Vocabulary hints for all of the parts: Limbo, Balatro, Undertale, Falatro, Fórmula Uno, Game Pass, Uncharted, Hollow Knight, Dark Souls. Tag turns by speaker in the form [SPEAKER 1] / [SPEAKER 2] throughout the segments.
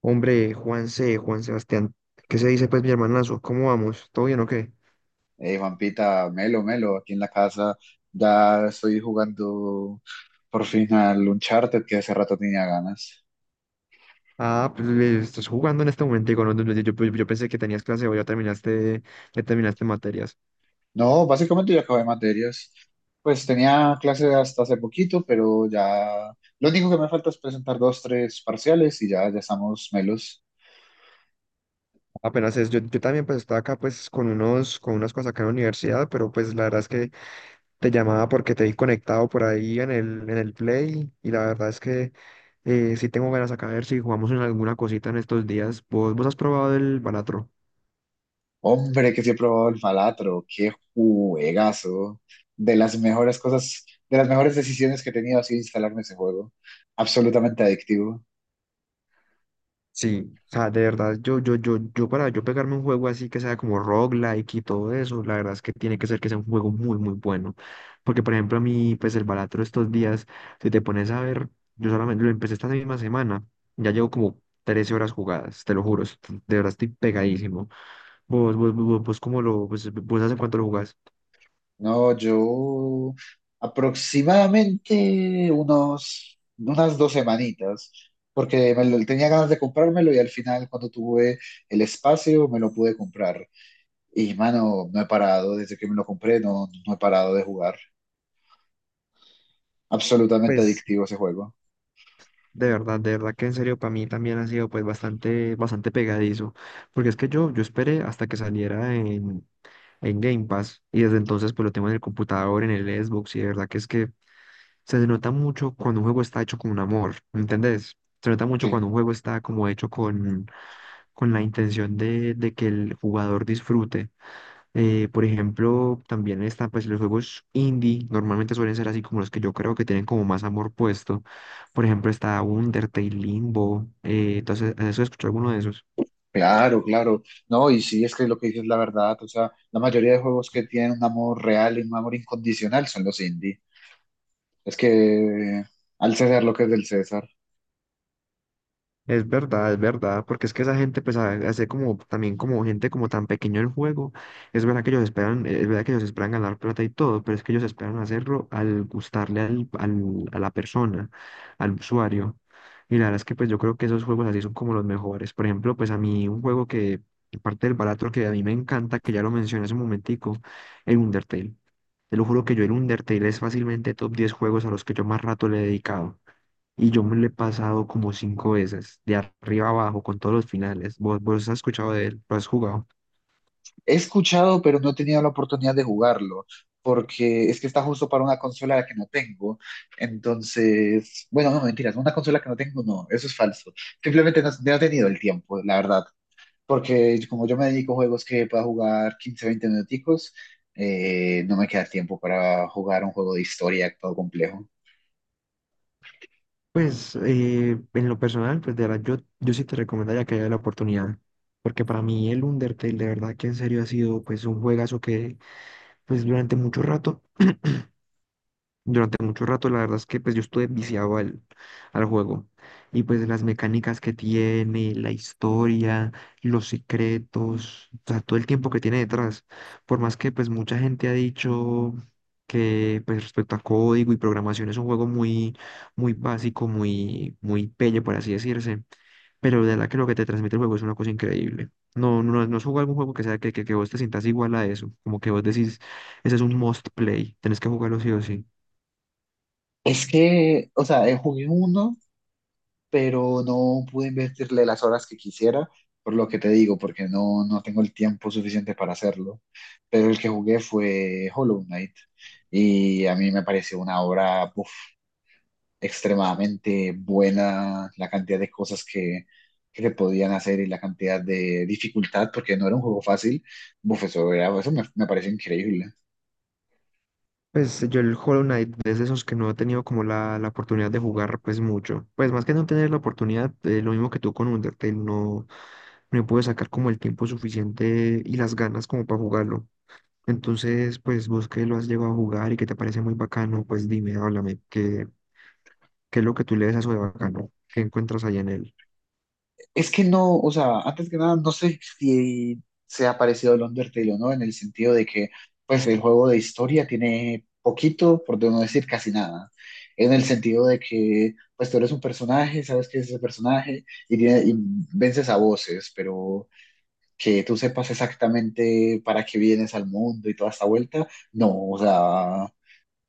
[SPEAKER 1] Hombre, Juanse, Juan Sebastián, ¿qué se dice pues mi hermanazo? ¿Cómo vamos? ¿Todo bien o qué?
[SPEAKER 2] Hey, Juanpita, Melo, Melo, aquí en la casa ya estoy jugando por fin al Uncharted que hace rato tenía ganas.
[SPEAKER 1] Ah, pues estás jugando en este momento, digo, no, no, yo pensé que tenías clase o ya terminaste materias.
[SPEAKER 2] No, básicamente ya acabé materias. Pues tenía clase hasta hace poquito, pero ya lo único que me falta es presentar dos, tres parciales y ya, ya estamos melos.
[SPEAKER 1] Apenas es, yo también pues estaba acá pues con unas cosas acá en la universidad, pero pues la verdad es que te llamaba porque te vi conectado por ahí en el Play y la verdad es que sí tengo ganas acá a ver si jugamos en alguna cosita en estos días. ¿Vos has probado el Balatro?
[SPEAKER 2] Hombre, que sí he probado el Falatro, qué juegazo. De las mejores cosas, de las mejores decisiones que he tenido ha sido instalarme ese juego. Absolutamente adictivo.
[SPEAKER 1] Sí, o sea, de verdad, yo para yo pegarme un juego así que sea como roguelike y todo eso, la verdad es que tiene que ser que sea un juego muy, muy bueno. Porque, por ejemplo, a mí, pues el Balatro estos días, si te pones a ver, yo solamente lo empecé esta misma semana, ya llevo como 13 horas jugadas, te lo juro, de verdad estoy pegadísimo. Vos, ¿ pues, vos hace cuánto lo jugás?
[SPEAKER 2] No, yo aproximadamente unos, unas dos semanitas, porque tenía ganas de comprármelo y al final cuando tuve el espacio me lo pude comprar. Y mano, no he parado, desde que me lo compré no he parado de jugar. Absolutamente
[SPEAKER 1] Pues,
[SPEAKER 2] adictivo ese juego.
[SPEAKER 1] de verdad que en serio, para mí también ha sido pues bastante, bastante pegadizo. Porque es que yo esperé hasta que saliera en Game Pass y desde entonces pues lo tengo en el computador, en el Xbox, y de verdad que es que se nota mucho cuando un juego está hecho con un amor, ¿me entendés? Se nota mucho
[SPEAKER 2] Sí,
[SPEAKER 1] cuando un juego está como hecho con la intención de que el jugador disfrute. Por ejemplo, también están pues los juegos indie; normalmente suelen ser así como los que yo creo que tienen como más amor puesto. Por ejemplo, está Undertale, Limbo, entonces, ¿has escuchado alguno de esos?
[SPEAKER 2] claro, claro. No, y sí, es que lo que dices es la verdad. O sea, la mayoría de juegos que tienen un amor real y un amor incondicional son los indie. Es que al César lo que es del César.
[SPEAKER 1] Es verdad, porque es que esa gente, pues, hace como, también como gente como tan pequeño el juego, es verdad que ellos esperan, es verdad que ellos esperan ganar plata y todo, pero es que ellos esperan hacerlo al gustarle a la persona, al usuario. Y la verdad es que, pues, yo creo que esos juegos así son como los mejores. Por ejemplo, pues, a mí un juego que, parte del barato que a mí me encanta, que ya lo mencioné hace un momentico, el Undertale. Te lo juro que yo el Undertale es fácilmente top 10 juegos a los que yo más rato le he dedicado. Y yo me lo he pasado como cinco veces, de arriba abajo, con todos los finales. ¿Vos has escuchado de él? ¿Lo has jugado?
[SPEAKER 2] He escuchado, pero no he tenido la oportunidad de jugarlo, porque es que está justo para una consola que no tengo. Entonces, bueno, no, mentiras, una consola que no tengo, no, eso es falso. Simplemente no he tenido el tiempo, la verdad, porque como yo me dedico a juegos que pueda jugar 15 20 minuticos, no me queda tiempo para jugar un juego de historia todo complejo.
[SPEAKER 1] Pues en lo personal, pues de verdad, yo sí te recomendaría que haya la oportunidad. Porque para mí el Undertale, de verdad que en serio ha sido pues un juegazo que pues durante mucho rato. Durante mucho rato, la verdad es que pues yo estuve viciado al juego. Y pues las mecánicas que tiene, la historia, los secretos, o sea, todo el tiempo que tiene detrás. Por más que pues mucha gente ha dicho que pues respecto a código y programación es un juego muy, muy básico, muy, muy pelle, por así decirse. Pero de verdad que lo que te transmite el juego es una cosa increíble. No, no, no es jugar algún juego que sea que vos te sientas igual a eso. Como que vos decís, ese es un must play, tenés que jugarlo sí o sí.
[SPEAKER 2] Es que, o sea, jugué uno pero no pude invertirle las horas que quisiera, por lo que te digo, porque no tengo el tiempo suficiente para hacerlo. Pero el que jugué fue Hollow Knight y a mí me pareció una obra uf, extremadamente buena, la cantidad de cosas que se podían hacer y la cantidad de dificultad, porque no era un juego fácil. Uf, eso, eso me pareció increíble.
[SPEAKER 1] Pues yo el Hollow Knight es de esos que no he tenido como la oportunidad de jugar pues mucho. Pues más que no tener la oportunidad, lo mismo que tú con Undertale, no pude sacar como el tiempo suficiente y las ganas como para jugarlo. Entonces, pues vos que lo has llegado a jugar y que te parece muy bacano, pues dime, háblame, ¿qué es lo que tú le ves a eso de bacano? ¿Qué encuentras allá en él?
[SPEAKER 2] Es que no, o sea, antes que nada, no sé si se ha parecido el Undertale o no, en el sentido de que, pues, el juego de historia tiene poquito, por no decir casi nada, en el sentido de que, pues, tú eres un personaje, sabes que es ese personaje y, y vences a voces, pero que tú sepas exactamente para qué vienes al mundo y toda esta vuelta, no, o sea,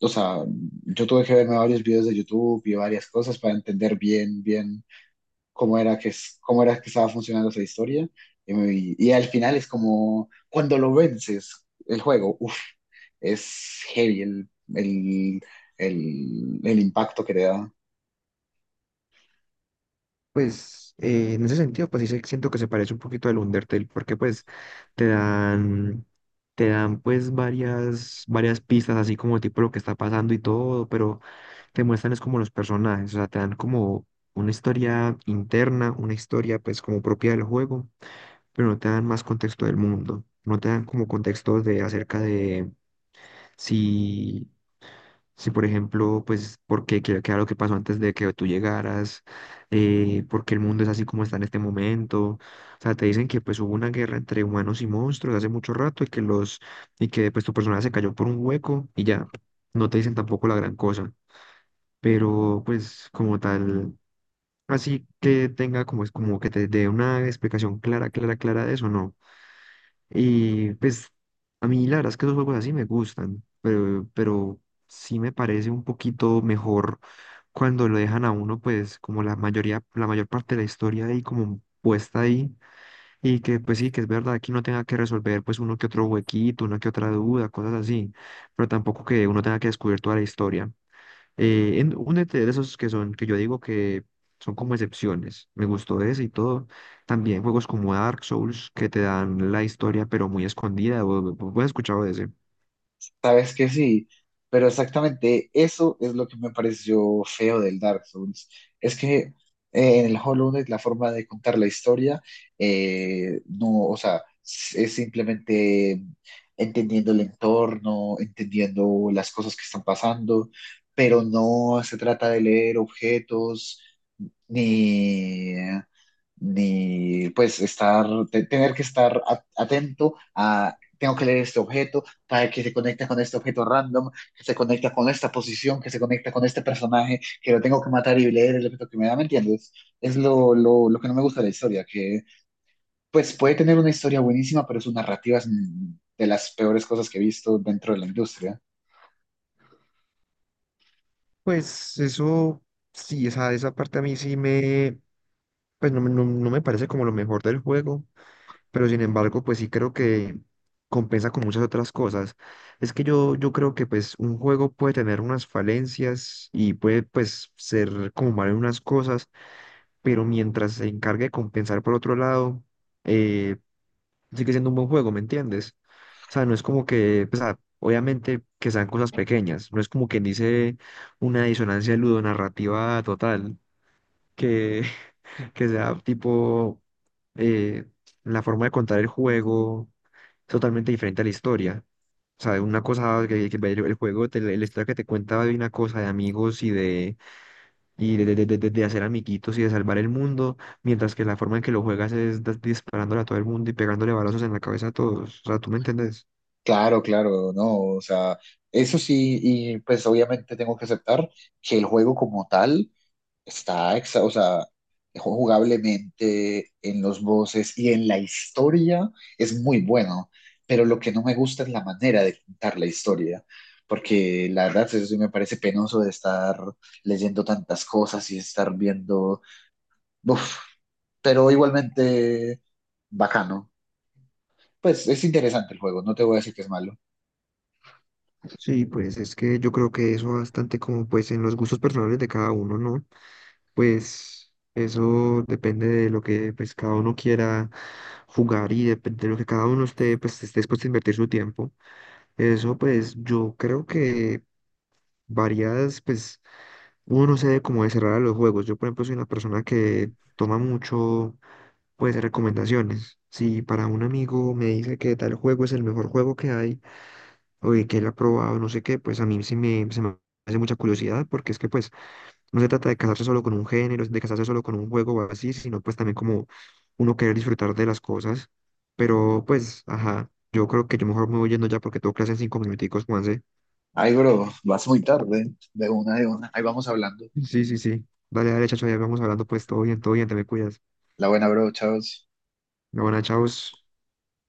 [SPEAKER 2] o sea, yo tuve que verme varios videos de YouTube y varias cosas para entender bien, bien cómo era cómo era que estaba funcionando esa historia. Y, me- y al final es como, cuando lo vences, el juego, uff, es heavy el, el impacto que te da.
[SPEAKER 1] Pues en ese sentido, pues sí siento que se parece un poquito al Undertale, porque pues te dan, te dan pues varias, varias pistas, así como tipo lo que está pasando y todo, pero te muestran es como los personajes, o sea, te dan como una historia interna, una historia pues como propia del juego, pero no te dan más contexto del mundo, no te dan como contexto de acerca de si si, por ejemplo, pues, porque qué era lo que pasó antes de que tú llegaras, por qué el mundo es así como está en este momento. O sea, te dicen que pues hubo una guerra entre humanos y monstruos hace mucho rato y que y que pues tu personaje se cayó por un hueco y ya. No te dicen tampoco la gran cosa. Pero pues como tal, así que tenga como es como que te dé una explicación clara, clara, clara de eso, ¿no? Y pues a mí la verdad es que esos juegos así me gustan, pero sí me parece un poquito mejor cuando lo dejan a uno, pues como la mayoría, la mayor parte de la historia ahí como puesta ahí y que pues sí, que es verdad que uno tenga que resolver pues uno que otro huequito, una que otra duda, cosas así, pero tampoco que uno tenga que descubrir toda la historia. En, únete de esos que son, que yo digo que son como excepciones, me gustó ese y todo. También juegos como Dark Souls, que te dan la historia pero muy escondida. ¿Vos has escuchado de ese?
[SPEAKER 2] Sabes que sí, pero exactamente eso es lo que me pareció feo del Dark Souls. Es que en el Hollow Knight la forma de contar la historia, no, o sea, es simplemente entendiendo el entorno, entendiendo las cosas que están pasando, pero no se trata de leer objetos ni, ni pues tener que estar atento a, tengo que leer este objeto para que se conecta con este objeto random, que se conecta con esta posición, que se conecta con este personaje, que lo tengo que matar y leer el objeto que me da, ¿me entiendes? Es lo que no me gusta de la historia, que pues puede tener una historia buenísima, pero su narrativa es de las peores cosas que he visto dentro de la industria.
[SPEAKER 1] Pues eso, sí, esa parte a mí sí me, pues no, me no- no me parece como lo mejor del juego, pero sin embargo, pues sí creo que compensa con muchas otras cosas. Es que yo creo que pues un juego puede tener unas falencias y puede pues ser como mal en unas cosas, pero mientras se encargue de compensar por otro lado, eh, sigue siendo un buen juego, ¿me entiendes? O sea, no es como que, pues, ah, obviamente que sean cosas pequeñas, no es como quien dice una disonancia ludonarrativa total. que que sea tipo eh, la forma de contar el juego es totalmente diferente a la historia. O sea, una cosa que el juego, la historia que te cuenta de una cosa de amigos y de hacer amiguitos y de salvar el mundo, mientras que la forma en que lo juegas es disparándole a todo el mundo y pegándole balazos en la cabeza a todos. O sea, ¿tú me entendés?
[SPEAKER 2] Claro, claro, no, o sea, eso sí, y pues obviamente tengo que aceptar que el juego como tal o sea, jugablemente en los voces y en la historia es muy bueno, pero lo que no me gusta es la manera de contar la historia, porque la verdad eso sí me parece penoso de estar leyendo tantas cosas y estar viendo, uf, pero igualmente bacano. Pues es interesante el juego, no te voy a decir que es malo.
[SPEAKER 1] Sí, pues es que yo creo que eso bastante como pues en los gustos personales de cada uno, ¿no? Pues eso depende de lo que pues, cada uno quiera jugar y depende de lo que cada uno esté, pues, esté dispuesto a invertir su tiempo. Eso pues yo creo que varias, pues uno no sabe cómo de cerrar a los juegos. Yo por ejemplo soy una persona que toma mucho pues recomendaciones. Si para un amigo me dice que tal juego es el mejor juego que hay o de que él ha probado, no sé qué, pues a mí sí me, se me hace mucha curiosidad porque es que pues... No se trata de casarse solo con un género, de casarse solo con un juego o así, sino pues también como uno querer disfrutar de las cosas. Pero pues, ajá, yo creo que yo mejor me voy yendo ya porque tengo clase en cinco minuticos, Juanse.
[SPEAKER 2] Ay, bro, vas muy tarde, de una, de una. Ahí vamos hablando.
[SPEAKER 1] Sí, sí, sí. Dale, dale, chacho, ya vamos hablando pues, todo bien, te me cuidas.
[SPEAKER 2] La buena, bro, chao.
[SPEAKER 1] Bueno, chao.